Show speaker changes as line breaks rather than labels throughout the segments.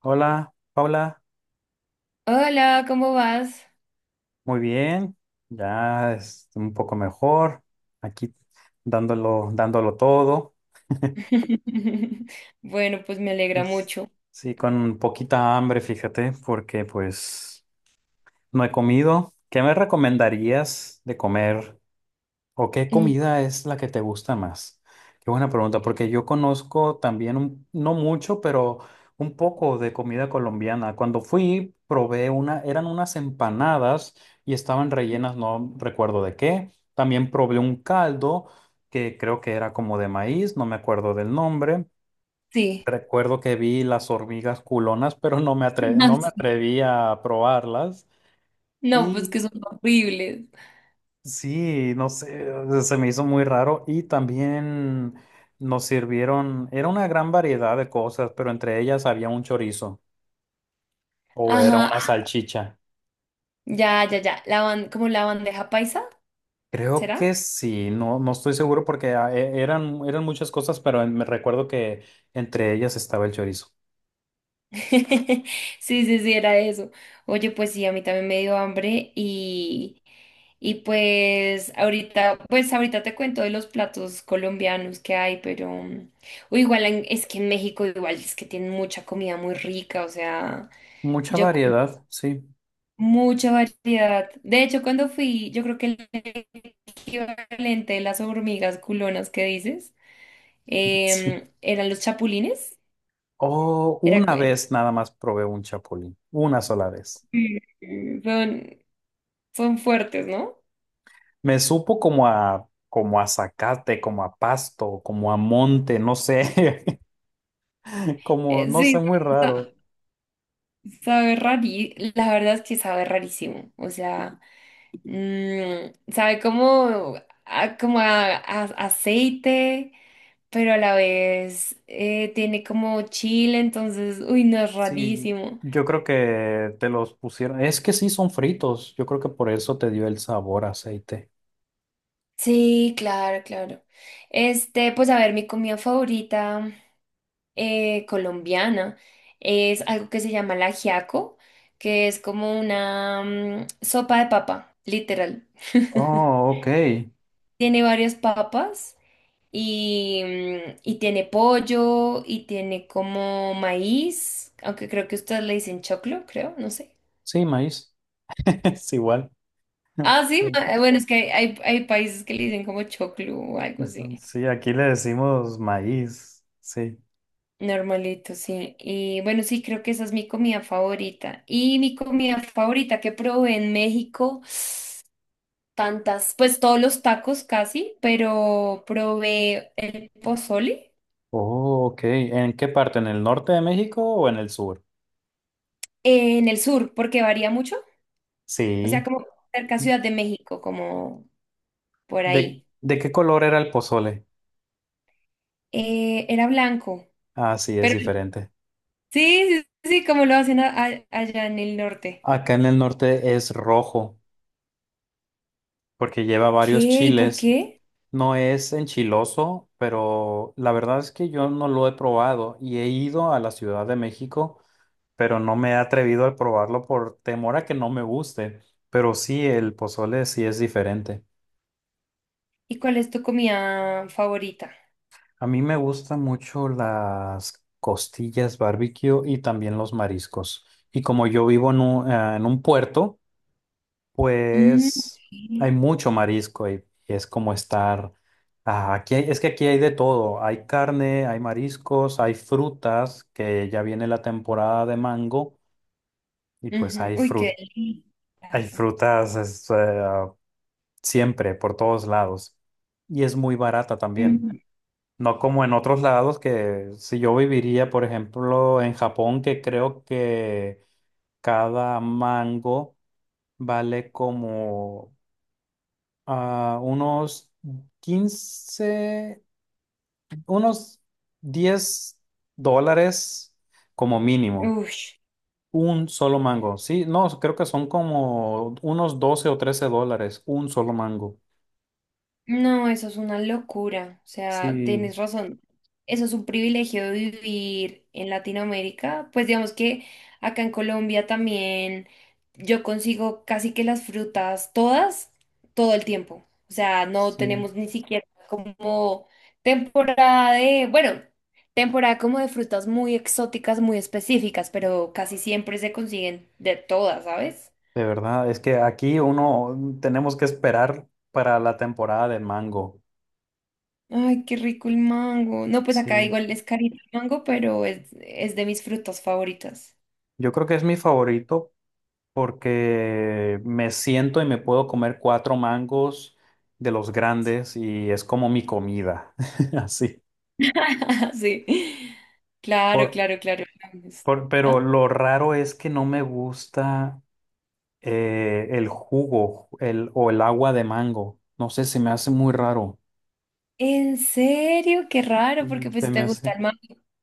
Hola, Paula,
Hola, ¿cómo vas?
muy bien, ya es un poco mejor, aquí dándolo, dándolo todo.
Bueno, pues me alegra
Es,
mucho.
sí, con poquita hambre, fíjate, porque pues no he comido. ¿Qué me recomendarías de comer? ¿O qué comida es la que te gusta más? Qué buena pregunta, porque yo conozco también, no mucho, pero un poco de comida colombiana. Cuando fui, probé una, eran unas empanadas y estaban rellenas, no recuerdo de qué. También probé un caldo que creo que era como de maíz, no me acuerdo del nombre.
Sí.
Recuerdo que vi las hormigas culonas, pero
Ah,
no me
sí.
atreví a probarlas.
No, pues que son horribles.
Sí, no sé, se me hizo muy raro y también nos sirvieron, era una gran variedad de cosas, pero entre ellas había un chorizo o era
Ajá.
una salchicha.
Ya, ya, ya. ¿Como la bandeja paisa?
Creo
¿Será?
que sí, no, no estoy seguro porque eran muchas cosas, pero me recuerdo que entre ellas estaba el chorizo.
Sí, sí, sí, era eso. Oye, pues sí, a mí también me dio hambre, y pues ahorita te cuento de los platos colombianos que hay, pero o es que en México igual es que tienen mucha comida muy rica, o sea,
Mucha
yo
variedad, sí.
mucha variedad. De hecho, cuando fui, yo creo que el equivalente de las hormigas culonas que dices
Sí.
eran los chapulines.
O
Era,
una
que-
vez nada más probé un chapulín, una sola vez.
Mm. Son, son fuertes, ¿no?
Me supo como a, como a zacate, como a pasto, como a monte, no sé, como, no sé,
Sí,
muy
sa-
raro.
sabe la verdad es que sabe rarísimo. O sea, sabe como, a, como a aceite, pero a la vez tiene como chile, entonces, uy, no, es
Sí,
rarísimo.
yo creo que te los pusieron, es que sí son fritos, yo creo que por eso te dio el sabor a aceite.
Sí, claro, claro. Este, pues a ver, mi comida favorita colombiana es algo que se llama la ajiaco, que es como una sopa de papa, literal.
Oh, ok.
Tiene varias papas y y tiene pollo y tiene como maíz, aunque creo que ustedes le dicen choclo, creo, no sé.
Sí, maíz, es igual.
Ah, sí,
Sí.
bueno, es que hay países que le dicen como choclo o algo así.
Sí, aquí le decimos maíz, sí.
Normalito, sí. Y bueno, sí, creo que esa es mi comida favorita. Y mi comida favorita que probé en México, tantas, pues todos los tacos casi, pero probé el pozole
Oh, ok. ¿En qué parte? ¿En el norte de México o en el sur?
en el sur, porque varía mucho. O
Sí.
sea, como cerca a Ciudad de México, como por ahí.
De qué color era el pozole?
Era blanco,
Ah, sí, es
pero sí,
diferente.
sí, sí, como lo hacen allá en el norte.
Acá en el norte es rojo porque lleva varios
¿Qué? ¿Y por
chiles.
qué?
No es enchiloso, pero la verdad es que yo no lo he probado y he ido a la Ciudad de México, pero no me he atrevido a probarlo por temor a que no me guste. Pero sí, el pozole sí es diferente.
¿Y cuál es tu comida favorita?
A mí me gustan mucho las costillas barbecue y también los mariscos. Y como yo vivo en un puerto,
Mm,
pues hay
ok.
mucho marisco y es como estar, ah, es que aquí hay de todo, hay carne, hay mariscos, hay frutas, que ya viene la temporada de mango y
Ujú. Uy, qué
hay
delicado.
frutas es, siempre por todos lados y es muy barata también.
Ujú.
No como en otros lados que si yo viviría, por ejemplo, en Japón, que creo que cada mango vale como a unos 15, unos $10 como mínimo.
Ush.
Un solo mango. Sí, no, creo que son como unos 12 o $13. Un solo mango.
No, eso es una locura. O sea,
Sí,
tienes razón. Eso es un privilegio de vivir en Latinoamérica. Pues digamos que acá en Colombia también yo consigo casi que las frutas todas, todo el tiempo. O sea, no
sí.
tenemos ni siquiera como temporada de, bueno, temporada como de frutas muy exóticas, muy específicas, pero casi siempre se consiguen de todas, ¿sabes?
De verdad, es que aquí uno tenemos que esperar para la temporada de mango.
Ay, qué rico el mango. No, pues acá
Sí,
igual es carito el mango, pero es de mis frutas favoritas.
yo creo que es mi favorito porque me siento y me puedo comer cuatro mangos de los grandes y es como mi comida, así.
Sí. Sí. Claro,
Por-
claro, claro.
pero
¿Ah?
lo raro es que no me gusta el jugo o el agua de mango. No sé, se me hace muy raro.
¿En serio? Qué raro, porque
Mm.
pues
Se
si
me
te gusta
hace…
el mango,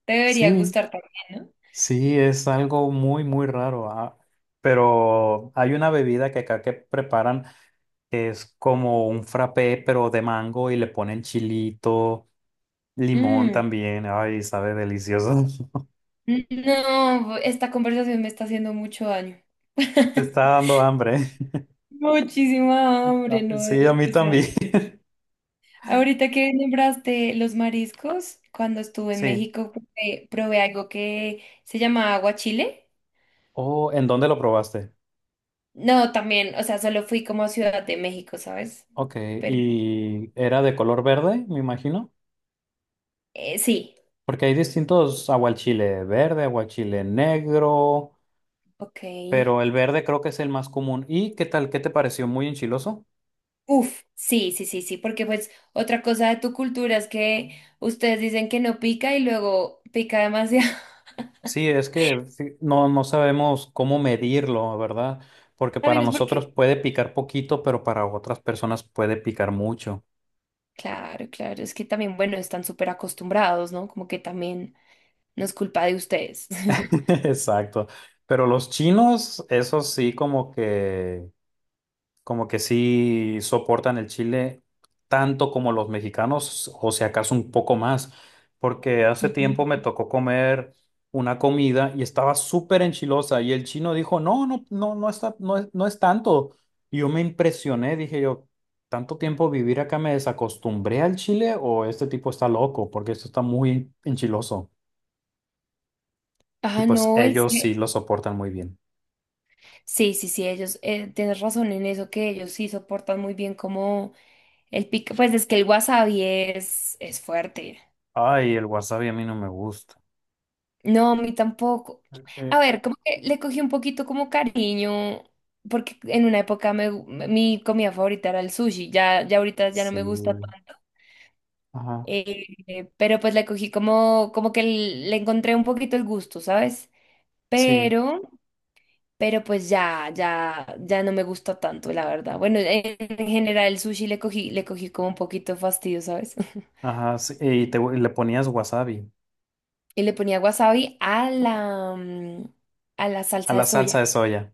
te debería
Sí,
gustar también,
sí, es algo muy, muy raro. Ah. Pero hay una bebida que acá que preparan que es como un frappé, pero de mango y le ponen chilito.
¿no?
Limón
Mm,
también, ay, sabe delicioso.
no, esta conversación me está haciendo mucho daño.
Te está dando hambre.
Muchísima hambre,
Ah,
¿no?
sí, a mí
O sea,
también.
ahorita que nombraste los mariscos, cuando estuve en
Sí.
México probé, probé algo que se llama aguachile.
Oh, ¿en dónde lo probaste?
No, también, o sea, solo fui como a Ciudad de México, ¿sabes?
Ok,
Pero
y era de color verde, me imagino,
sí,
porque hay distintos aguachile verde, aguachile negro,
ok.
pero el verde creo que es el más común. ¿Y qué tal? ¿Qué te pareció? ¿Muy enchiloso?
Uf, sí, sí, sí, sí, porque pues otra cosa de tu cultura es que ustedes dicen que no pica y luego pica demasiado.
Sí, es que sí, no, no sabemos cómo medirlo, ¿verdad? Porque para
¿También es
nosotros
porque?
puede picar poquito, pero para otras personas puede picar mucho.
Claro, claro, es que también, bueno, están súper acostumbrados, ¿no? Como que también no es culpa de ustedes.
Exacto. Pero los chinos, esos sí como que sí soportan el chile tanto como los mexicanos, o si acaso un poco más, porque hace tiempo
Ujú.
me tocó comer una comida y estaba súper enchilosa y el chino dijo, no, no, no, no está, no es tanto. Y yo me impresioné, dije yo, ¿tanto tiempo vivir acá me desacostumbré al chile o este tipo está loco? Porque esto está muy enchiloso. Y
Ah,
pues
no, en
ellos
serio.
sí lo soportan muy bien.
Sí, sí, sí, ellos, tienes razón en eso, que ellos sí soportan muy bien como el pico, pues es que el wasabi es fuerte.
Ay, el wasabi a mí no me gusta.
No, a mí tampoco.
Eh,
A ver, como que le cogí un poquito como cariño, porque en una época mi comida favorita era el sushi, ya, ya ahorita ya no me gusta
Sí.
tanto,
Ajá,
pero pues le cogí como, como que le encontré un poquito el gusto, ¿sabes?
sí.
Pero... pero pues ya, ya, ya no me gusta tanto, la verdad. Bueno, en general el sushi le cogí como un poquito de fastidio, ¿sabes?
Ajá, sí. Y te, le ponías wasabi
Y le ponía wasabi a a la
a
salsa de
la salsa
soya.
de soya.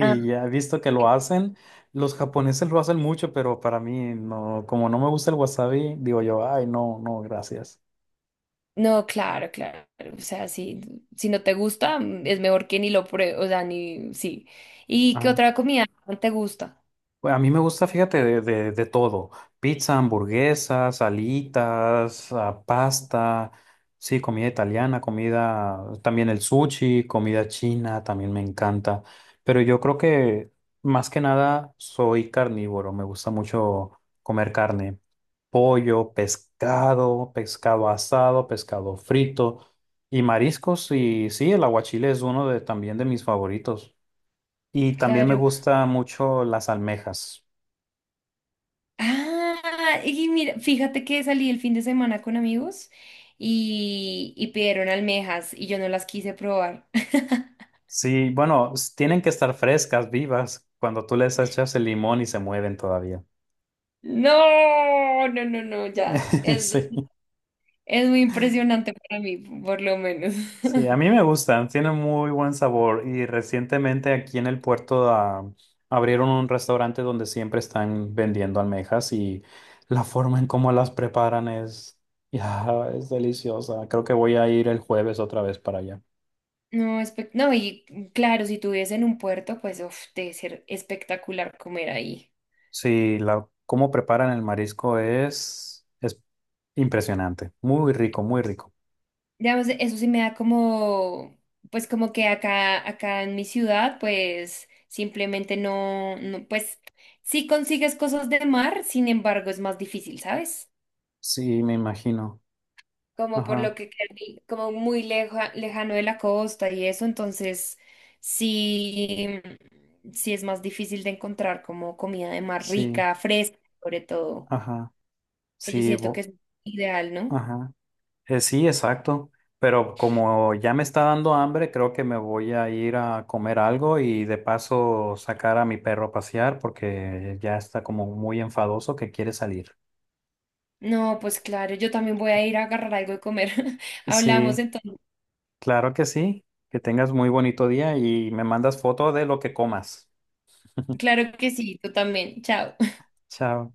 Ah.
ya he visto que lo hacen. Los japoneses lo hacen mucho, pero para mí no, como no me gusta el wasabi, digo yo, ay, no, no, gracias.
No, claro, claro. O sea, si, si no te gusta, es mejor que ni lo pruebes, o sea, ni, sí. ¿Y qué otra comida no te gusta?
Pues, a mí me gusta, fíjate, de todo. Pizza, hamburguesas, alitas, ah, pasta, sí, comida italiana, comida, también el sushi, comida china, también me encanta. Pero yo creo que más que nada soy carnívoro, me gusta mucho comer carne, pollo, pescado, pescado asado, pescado frito y mariscos. Y sí, el aguachile es uno de, también de mis favoritos. Y también me
Claro.
gusta mucho las almejas.
Ah, y mira, fíjate que salí el fin de semana con amigos y pidieron almejas y yo no las quise probar.
Sí, bueno, tienen que estar frescas, vivas, cuando tú les echas el limón y se mueven todavía.
No, no, no, no, ya.
Sí,
Es muy impresionante para mí, por lo menos.
sí, a mí me gustan, tienen muy buen sabor y recientemente aquí en el puerto abrieron un restaurante donde siempre están vendiendo almejas y la forma en cómo las preparan es, ya, es deliciosa. Creo que voy a ir el jueves otra vez para allá.
No, no, y claro, si tuviese en un puerto, pues uf, debe ser espectacular comer ahí.
Sí, la, cómo preparan el marisco es impresionante, muy rico, muy rico.
Digamos, eso sí me da como, pues como que acá, acá en mi ciudad, pues simplemente no, no, pues sí consigues cosas de mar, sin embargo, es más difícil, ¿sabes?
Sí, me imagino.
Como por lo
Ajá,
que queda como muy lejano de la costa y eso, entonces sí, sí es más difícil de encontrar como comida de mar
sí,
rica, fresca, sobre todo,
ajá,
que yo
sí,
siento que es ideal, ¿no?
ajá, sí, exacto. Pero como ya me está dando hambre, creo que me voy a ir a comer algo y de paso sacar a mi perro a pasear porque ya está como muy enfadoso que quiere salir.
No, pues claro, yo también voy a ir a agarrar algo de comer. Hablamos
Sí,
entonces.
claro que sí. Que tengas muy bonito día y me mandas foto de lo que comas.
Claro que sí, tú también. Chao.
Chao.